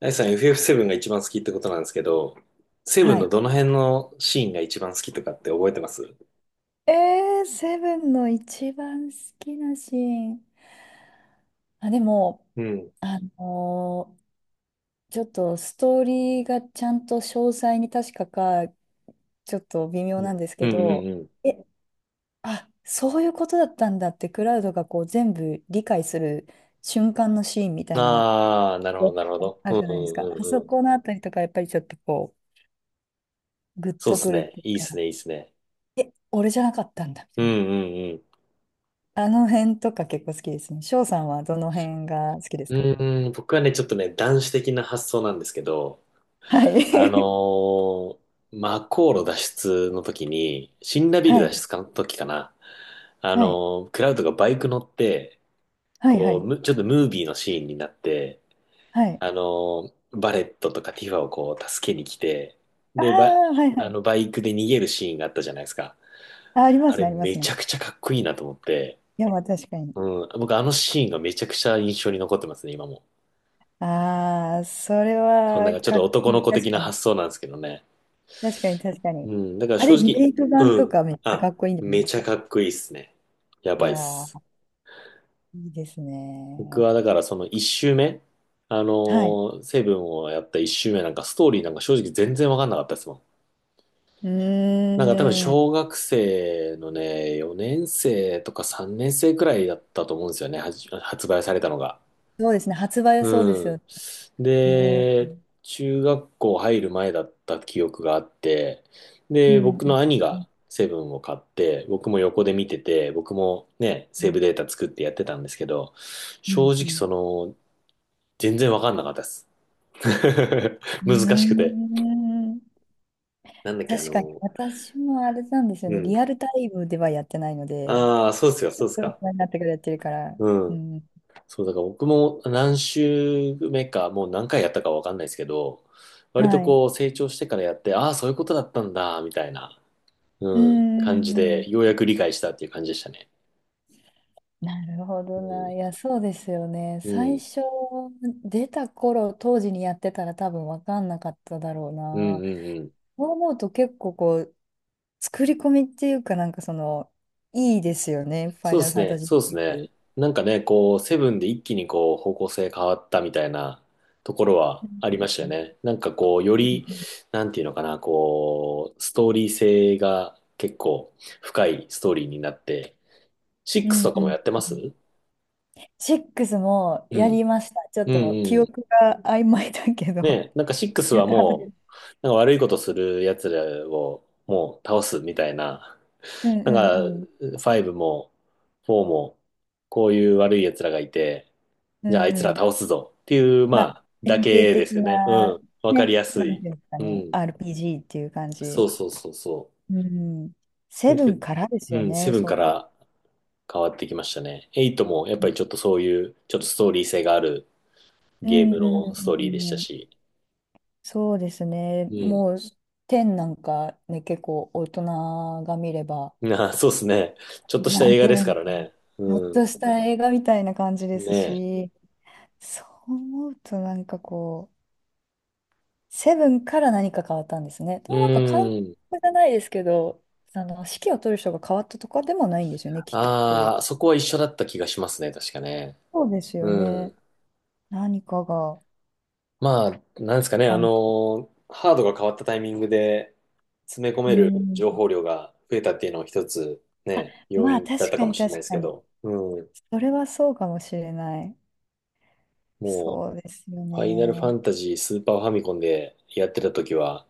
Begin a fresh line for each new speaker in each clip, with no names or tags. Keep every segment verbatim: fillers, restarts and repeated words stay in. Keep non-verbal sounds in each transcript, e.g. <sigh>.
あイさん エフエフセブン が一番好きってことなんですけど、セブン
は
の
い。
どの辺のシーンが一番好きとかって覚えてます？
えー、セブンの一番好きなシーン。あ、でも、
うん。
あのーちょっとストーリーがちゃんと詳細に確かか、ちょっと微妙
うん。
なんです
う
け
んう
ど、
んう
え、あ、そういうことだったんだって、クラウドがこう全部理解する瞬間のシーンみた
ん。
いなのっ
ああ、なるほど、
て
なるほど。
あ
うん
るじゃないですか。
うん
あ
うんう
そ
ん。
このあたりとか、やっぱりちょっとこう、グッ
そうっ
と
す
くるっ
ね。
てい
いいっ
う
す
か、
ね、いいっすね。
え、俺じゃなかったんだみ
う
た
ん
いな。
うん
あの辺とか結構好きですね。翔さんはどの辺が好きです
う
か？
ん。うーん、僕はね、ちょっとね、男子的な発想なんですけど、
は
あの
い。
ー、マコー路脱出の時に、シンラ
<laughs>
ビル
は
脱
い。
出の時かな。あ
はい。
のー、クラウドがバイク乗って、
はい。は
こう、
い。
むちょっとムービーのシーンになって、
はい。
あの、バレットとかティファをこう助けに来て、
ああ、
で、ば、
はいは
あ
い。
の、バイクで逃げるシーンがあったじゃないですか。
あ、ありま
あ
す
れ
ね、ありま
め
すね。
ちゃくちゃかっこいいなと思って、
いや、まあ確かに。
うん、僕あのシーンがめちゃくちゃ印象に残ってますね、今も。
ああ、それ
そんなん
は
かちょっ
か
と
っこ
男
い
の
い。
子
確
的な
かに。
発想なんですけどね。
確かに、確か
う
に。
ん、だから
あ
正
れ、リメ
直、
イク版
う
と
ん、
かめっちゃか
あ、
っこいいんじゃない
め
です
ちゃ
か？
かっこいいっすね。や
う
ばいっ
わ
す。
あ、いいです
僕
ね。
はだからその一周目、あ
はい。
のーセブンをやった一周目なんかストーリーなんか正直全然わかんなかったですもん。
う
なんか多分
ーん。
小学生のね、よねん生とかさんねん生くらいだったと思うんですよね、はじ発売されたのが。
そうですね。発売はそうです
う
よ
ん。
ね。うん。う
で、中学校入る前だった記憶があって、
ん。
で、僕の
う
兄が
ん。
セブンを買って、僕も横で見てて、僕もね、
う
セー
ん。
ブデータ作ってやってたんですけど、
う
正直
ん。
その、全然わかんなかったです。<laughs>
う
難しく
ん。
て。
うん。
なんだっけ、あ
確かに、
の、
私もあれなんですよ
う
ね。
ん。
リアルタイムではやってないので、
ああ、そうっすか、
大
そうっすか。
人になってからやってるから。
う
う
ん。
ん。
そう、だから僕も何週目か、もう何回やったかわかんないですけど、割
は
と
い。
こう成長してからやって、ああー、そういうことだったんだ、みたいな、
う
うん、
んう
感じ
んう
で、よう
ん。
やく理解したっていう感じでしたね。
なるほ
う
ど
ん、
な。いや、そうですよね。
う
最
ん、
初、出た頃、当時にやってたら多分分かんなかっただろう
うん、う
な。
んうん。
そう思うと結構こう、作り込みっていうかなんかその、いいですよね。ファ
そ
イ
うで
ナル
す
ファン
ね、
タジーシ
そうです
リー
ね。
ズ。
なんかね、こう、セブンで一気にこう、方向性変わったみたいなところは
うん
ありました
う
よ
ん
ね。なんかこう、よ
う
り、
ん
なんていうのかな、こう、ストーリー性が結構深いストーリーになって、シッ
う
クス
ん。う
と
ん
か
う
もや
ん。
ってます？
ろくも
う
や
ん。
りました。ちょっ
うん
と記
うん。
憶が曖昧だけど、
ね、なんかシック
<laughs>
ス
やっ
は
たはずで
もう、
す。
なんか悪いことする奴らをもう倒すみたいな。
うん
なん
う
か、
んうん。
ファイブも、フォーも、こういう悪い奴らがいて、
う
じゃああいつら
んうん。
倒すぞっていう、
ま
ま
あ、
あ、だ
典型
けで
的
すよね。う
な、
ん。わかり
ね、
やす
なん
い。
ていうんですか
う
ね、
ん。
アールピージー っていう感
そ
じ。
うそうそうそ
うん。セ
う。だ
ブ
け
ン
ど、
からです
う
よ
ん、セ
ね、
ブンか
そう。
ら変わってきましたね。エイトもやっ
う
ぱりちょっとそういう、ちょっとストーリー性がある
ん
ゲー
う
ム
んう
のストーリーで
ん
し
う
た
ん。
し。
そうですね。
うん。
もう、テンなんかね、結構大人が見れば、
な <laughs> あ、そうですね。ちょっとした
なん
映
て
画で
い
す
う
か
の
ら
か
ね。
な、ちょっ
うん。
とした映画みたいな感じです
ね
し、そう思うとなんかこう、セブンから何か変わったんですね。で
え。う
もなんか監督
ん。
じゃないですけど、あの、指揮を取る人が変わったとかでもないんですよね、きっと。
ああ、そこは一緒だった気がしますね、確かね。
そうですよ
う
ね。
ん。
何かが、
まあ、なんですかね、あ
か
の
ん、
ーハードが変わったタイミングで詰め込
う
める情
ん。
報量が増えたっていうのは一つね、要
まあ
因だっ
確
た
か
かも
に
しれ
確
ないです
か
け
に。
ど。うん。
それはそうかもしれない。
も
そうです
う、
よ
ファイナルファ
ね。
ンタジースーパーファミコンでやってた時は、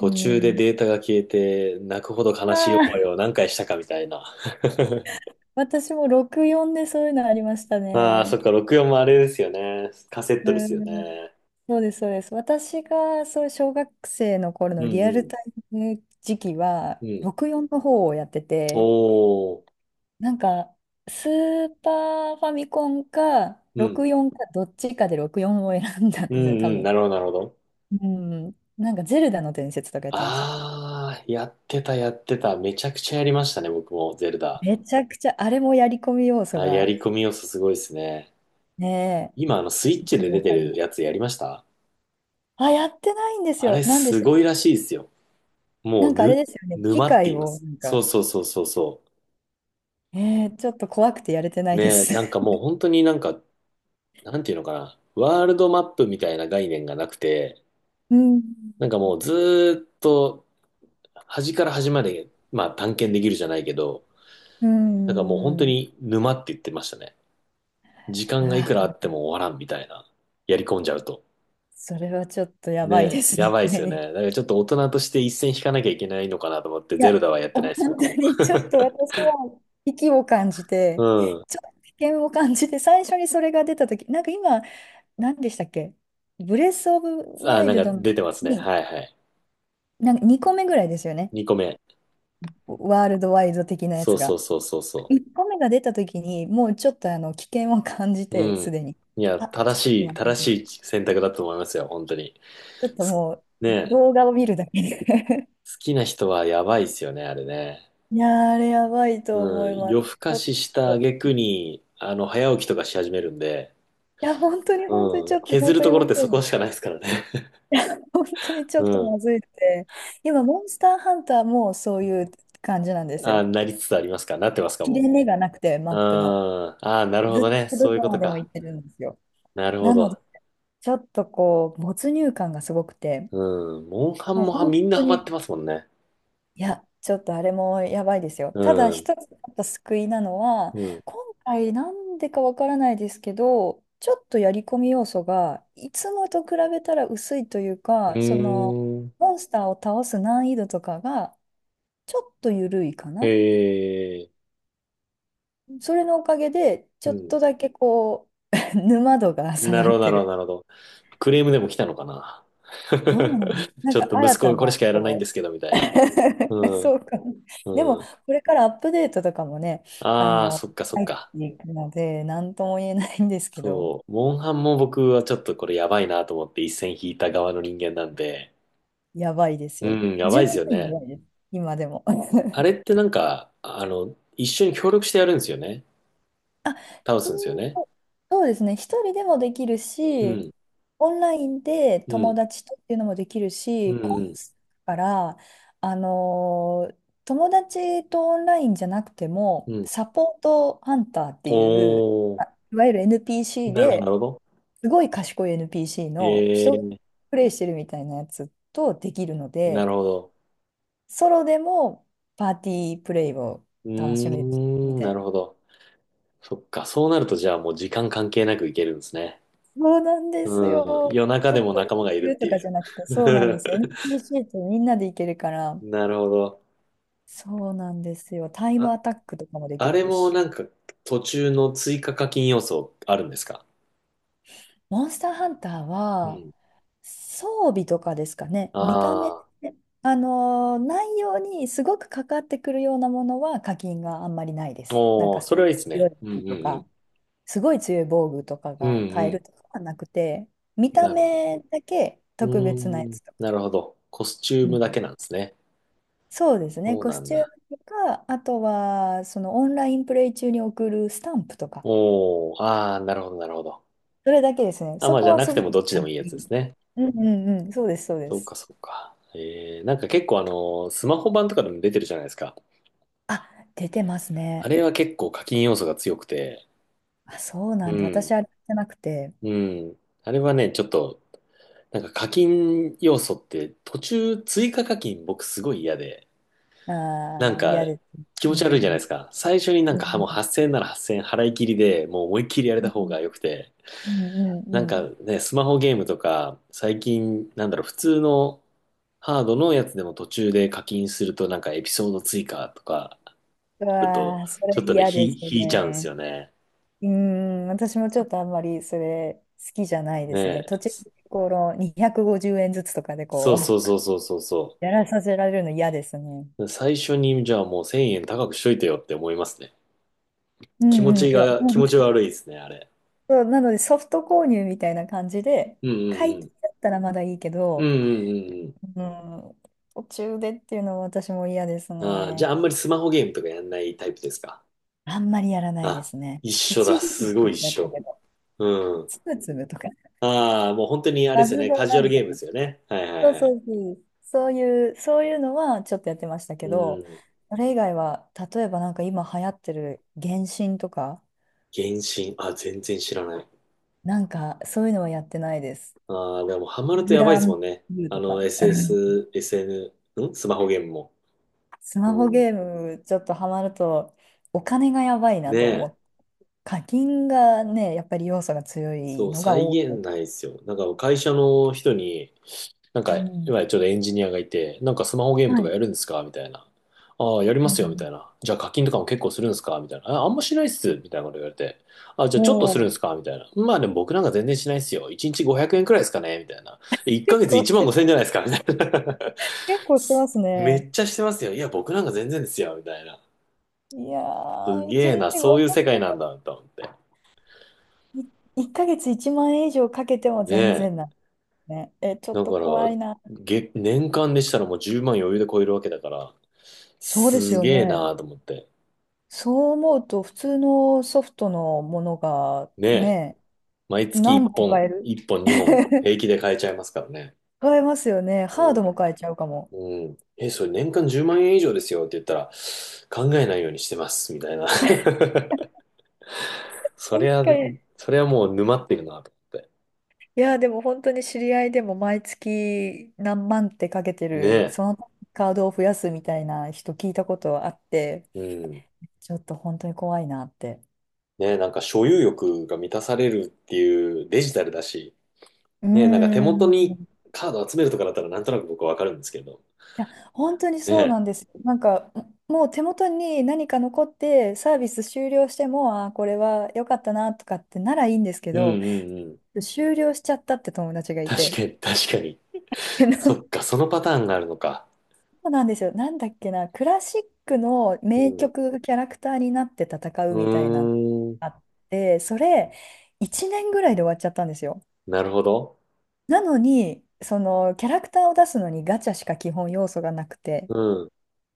う
中で
ん。
データが消えて泣くほど悲
あ
しい思いを
あ、
何回したかみたいな。<laughs>
私もロクヨンでそういうのありました
ああ、そ
ね。
っか、ろくよんもあれですよね。カセッ
う
トですよ
ん。
ね。
そうです、そうです。私がそう小学生の頃
う
のリアル
ん
タイム時期
う
は
ん。うん。
ロクヨンの方をやってて、
おー。
なんかスーパーファミコンか
うん。
ロクヨンかどっちかでロクヨンを選んだん
う
ですね、
ん
多
うん。
分。
なるほど、なるほど。
うん。なんかゼルダの伝説とかやってました。
ああ、やってた、やってた。めちゃくちゃやりましたね、僕も、ゼルダ。
めちゃくちゃあれもやり込み要素
あや
が
り込み要素すごいですね。
ね
今、あの、スイッチ
え、
で
も
出
う
て
かり
る
ない。
やつやりました？
あ、やってないんです
あ
よ。
れ、
なんでし
す
たっ
ご
け？
いらしいですよ。も
な
う、
んかあれ
ぬ、
ですよね。機
沼って
械
言いま
を
す。
なん
そ
か、
うそうそうそうそ
えー、ちょっと怖くてやれてな
う。
いで
ね、
す。
なんかも
<laughs>
う本当になんか、なんていうのかな。ワールドマップみたいな概念がなくて、
うん。
なんかもうずーっと端から端まで、まあ探検できるじゃないけど、
うー
なんかもう本
ん。
当
う
に沼って言ってましたね。時間がいくら
わ、
あっても終わらんみたいな。やり込んじゃうと。
それはちょっとや
ね
ばいです
え、やばいですよね。
ね。<laughs>
だからちょっと大人として一線引かなきゃいけないのかなと思って、
いや、
ゼルダはやってない
本
です、僕
当
も。
にちょっと私は危機を感じ
う
て、
ん。
ちょっと危険を感じて、最初にそれが出たとき、なんか今、何でしたっけ？ブレス・オブ・
あ、
ワイ
なん
ル
か
ド
出てますね。
に、
はいはい。
なんかにこめぐらいですよね。
にこめ。
ワールドワイド的なや
そう
つ
そう
が。
そうそうそ
いっこめが出たときに、もうちょっとあの危険を感じ
う。
て、
うん。
すでに。
いや、
あ、ち
正
ょっ
しい、
と、
正しい選択だと思いますよ、本当に。
ちょっと
す
もう
ねえ、
動画を見るだけで。 <laughs>
好きな人はやばいですよね、あれね。
いやー、あれやばいと
う
思い
ん、
ます。
夜更
ち
か
ょっ
しした
と。
挙句に、あの、早起きとかし始めるんで、
いや、本当に本当に
う
ち
ん、
ょっと、本
削る
当
と
に
ころっ
ま
て
ず
そ
い
こ
の。
しかないですからね。
本当に
<laughs>
ちょ
う
っと
ん。
まずいって。今、モンスターハンターもそういう感じなんです
あ、
よ。
なりつつありますかなってますか
切
も
れ目がなくて、マ
う？う
ッ
ん。
プの。
ああ、なるほ
ず
ど
っ
ね。
と
そ
ど
ういうこ
こま
と
でも
か。
行ってるんですよ。
なるほ
なので、
ど。
ちょっとこう、没入感がすごくて、
うん。モンハ
もう
ンもはみ
本
んな
当
ハマって
に。
ますもんね。
いや、ちょっとあれもやばいですよ。ただ
うん。
一つやっぱ救いなのは、
うん。
今回なんでかわからないですけど、ちょっとやり込み要素がいつもと比べたら薄いという
う
か、その
ーん。
モンスターを倒す難易度とかがちょっと緩いか
へ
な。
え。
それのおかげで、ち
う
ょっ
ん。
とだけこう、<laughs> 沼度が下
な
が
る
っ
ほど、な
て
るほ
る。
ど、なるほど。クレームでも来たのかな。
どうなんです、
<laughs>
な
ち
ん
ょ
か
っと
新
息子
た
がこれし
な、
かやらないん
こ
ですけど、みたいな。う
う。 <laughs> そ
ん。
うかも。でも、
う
こ
ん。
れからアップデートとかもね、あ
ああ、
の、
そっかそっ
入っ
か。
ていくので、なんとも言えないんですけど、
そう。モンハンも僕はちょっとこれやばいなと思って一線引いた側の人間なんで。
やばいです
う
よ。
ん、や
十
ばいですよ
分や
ね。
ばいです、今でも。
あれってなんか、あの、一緒に協力してやるんですよね。倒
う
すんですよ
ん。
ね。
そうですね。一人でもできる
う
し、
ん、
オンラインで
う
友
ん、
達とっていうのもできる
う
し、コン
ん、
サートから、あのー友達とオンラインじゃなくても、
うん、うん。
サポートハンターっていう、
お
あ、
ー、
いわゆる エヌピーシー
なるほど、なる
で、
ほど。
すごい賢い エヌピーシー
え
の人が
ー、
プレイしてるみたいなやつとできるの
な
で、
るほど。
ソロでもパーティープレイを
う
楽しめるみ
ーん、
た
な
い
るほ
な。
ど。そっか、そうなるとじゃあもう時間関係なくいけるんですね。
そうなんですよ。
うん、夜中
ちょ
で
っ
も
と
仲間
行
がい
け
るっ
る
て
とか
いう。
じゃなくて、そうなんですよ。エヌピーシー ってみんなで行けるか
<laughs>
ら、
なるほど。
そうなんですよ。タイム
あ
アタックとかもでき
あれ
る
も
し。
なんか途中の追加課金要素あるんですか？
モンスターハンター
う
は、
ん。
装備とかですかね。見た目、
ああ、
あのー内容にすごくかかってくるようなものは課金があんまりないです。なん
お
か、
ー、
す
そ
ごい
れはいいです
強
ね。
い
うんう
武器
ん
と
うん。
か、すごい強い防具とか
う
が買える
ん
とかはなくて、見
うん。な
た
るほど。
目だけ
う
特別なや
ーん、
つとか。
なるほど。コスチュー
う
ム
ん。
だけなんですね。
そうですね、
そう
コ
な
ス
ん
チュー
だ。
ムとか、あとはそのオンラインプレイ中に送るスタンプとか、
おー、ああ、なるほどなるほど。
それだけですね、
あ、
そ
まあ
こ
じゃ
は
なく
す
て
ごく
もどっちで
簡
もい
単
いや
でい
つで
い。
すね。
うんうんうん、そうです、そうで
そうか
す。
そうか。えー、なんか結構あの、スマホ版とかでも出てるじゃないですか。
あ、出てます
あ
ね。
れは結構課金要素が強くて、
あ、そうな
う
んだ、私
ん、
あれじゃなくて、
うん。あれはね、ちょっとなんか課金要素って途中追加課金僕すごい嫌で、
あ
なん
ー、嫌
か
ですね。
気
う
持ち悪いじゃ
ん
ない
う
で
ん
すか。最初になん
う
かはもう
ん
はっせんえんならはっせんえん払い切りでもう思いっきりやれ
う
た
ん
方が良くて、
うんう
なん
んう
か
ん。
ね、スマホゲームとか最近なんだろう、普通のハードのやつでも途中で課金するとなんかエピソード追加とか
う
あると、
わー、そ
ちょ
れ
っとね、
嫌で
ひ
す
引いちゃうんです
ね。
よね。
うん、私もちょっとあんまりそれ好きじゃないですね。
ねえ、
途中、このにひゃくごじゅうえんずつとかで
そ
こ
そう
う。
そうそうそうそ
やらさせられるの嫌ですね。
うそう。最初にじゃあもうせんえん高くしといてよって思いますね。
う
気持
んう
ち
ん、いや、<laughs>
が、気
本
持
当。
ち悪いですね、あれ。
そうなのでソフト購入みたいな感じで、
うん
解
う
禁
ん
だったらまだいいけ
うん。う
ど、
んうんうん
うん、途中でっていうのは私も嫌です
うん。ああ、じゃあ
ね。
あんまりスマホゲームとかやんないタイプですか？
あんまりやらないで
あ、
すね。
一緒
一
だ。
時
す
期
ごい一
だった
緒。
けど、
うん。
つぶつぶとか、
ああ、もう本当にあれで
バ
すよ
ズ
ね。
ド
カジュ
ラ
アル
み
ゲ
た
ーム
い
で
な。
すよね。はいは
そ
い
う
は
そ
い。
うそう、そういう、そういうのはちょっとやってました
う
けど、
ん。
それ以外は、例えばなんか今流行ってる原神とか、
原神。あ、全然知らない。
なんかそういうのはやってないです。
ああ、でもハマると
グ
やばいで
ラ
す
ン
もんね。
ブルー
あ
とか。
の、
<laughs>
エスエス、エスエヌ、んスマホゲームも。
ス
う
マホ
ん。
ゲームちょっとハマるとお金がやばい
ね
なと思
え。
って、課金がね、やっぱり要素が強い
そう、
のが
再
多い
現
の。
ないですよ。なんか会社の人に、なんか、
うん。
今ちょうどエンジニアがいて、なんかスマホゲームと
は
か
い。
やるんですかみたいな。ああ、やりま
う
すよ、みた
ん。
いな。じゃあ課金とかも結構するんですかみたいな。あ、あんましないっす、みたいなこと言われて。あ、じゃあちょっとするんで
も
すかみたいな。まあでも僕なんか全然しないっすよ。いちにちごひゃくえんくえんくらいですかねみたいな。
う、
1
結
ヶ月
構
1
し
万
て、
ごせん円じゃないですかみたいな。
結構してます
<laughs> め
ね。
っちゃしてますよ。いや、僕なんか全然ですよ、みたいな。
いや
す
ー、1
げえな、
日
そういう
500
世界なんだ、と思って。
ヶ月いちまん円以上かけても
ね
全
え。
然ない。ね。え、ちょっ
だ
と
か
怖
ら、
いな。
げ年間でしたらもうじゅうまん余裕で超えるわけだから、
そうです
す
よ
げえ
ね。
なーと思って。
そう思うと、普通のソフトのものが
ねえ、
ね、
毎月
何
1
本買
本、
える
いっぽんにほん、平気で買えちゃいますからね。
変えますよね。ハー
う
ドも変えちゃうかも。
ん。うん。え、それ年間じゅうまんえん円以上ですよって言ったら、考えないようにしてます、みたいな。<laughs> そ
確
りゃ、
かに。
そりゃもう沼ってるなと思って。
いや、でも本当に知り合いでも毎月何万ってかけて
ね
る、そのカードを増やすみたいな人聞いたことあって、
え。うん。
ちょっと本当に怖いなって。
ねえ、なんか所有欲が満たされるっていうデジタルだし、
う
ねえ、なんか手
ーん。
元に
い
カード集めるとかだったらなんとなく僕はわかるんですけど、
や、本当に
ね
そう
え。
なんです。なんか、もう手元に何か残って、サービス終了しても、あー、これは良かったなとかってならいいんですけ
うん
ど、
うんうん。
終了しちゃったって友達がい
確
て。
かに、確かに。そっ
<laughs>
か、そのパターンがあるのか。
そうなんですよ。なんだっけな、クラシックの
う
名
ん。
曲キャラクターになって戦うみ
う
たいなのが
ー
あ
ん。
って、それいちねんぐらいで終わっちゃったんですよ。
なるほど。
なのに、そのキャラクターを出すのにガチャしか基本要素がなくて、
うん。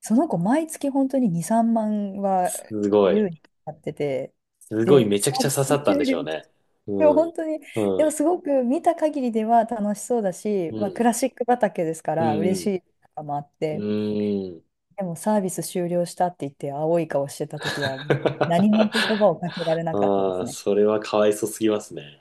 その子毎月本当にに、さんまんは
すごい。
優にやってて、
すごい、
で、
めちゃく
サ
ち
ー
ゃ
ビ
刺さ
ス
ったん
終
でしょ
了。
うね。
でも
う
本
ん。
当に、
う
でも
ん。
すごく見た限りでは楽しそうだし、
う
まあ、ク
ん。
ラシック畑ですか
う
ら嬉し
ん。
いとかもあっ
うん。
て。
うーん。
でもサービス終了したって言って青い顔してた時はもう
<laughs>
何も言葉をかけられなかったで
あ
す
あ、
ね。
それはかわいそすぎますね。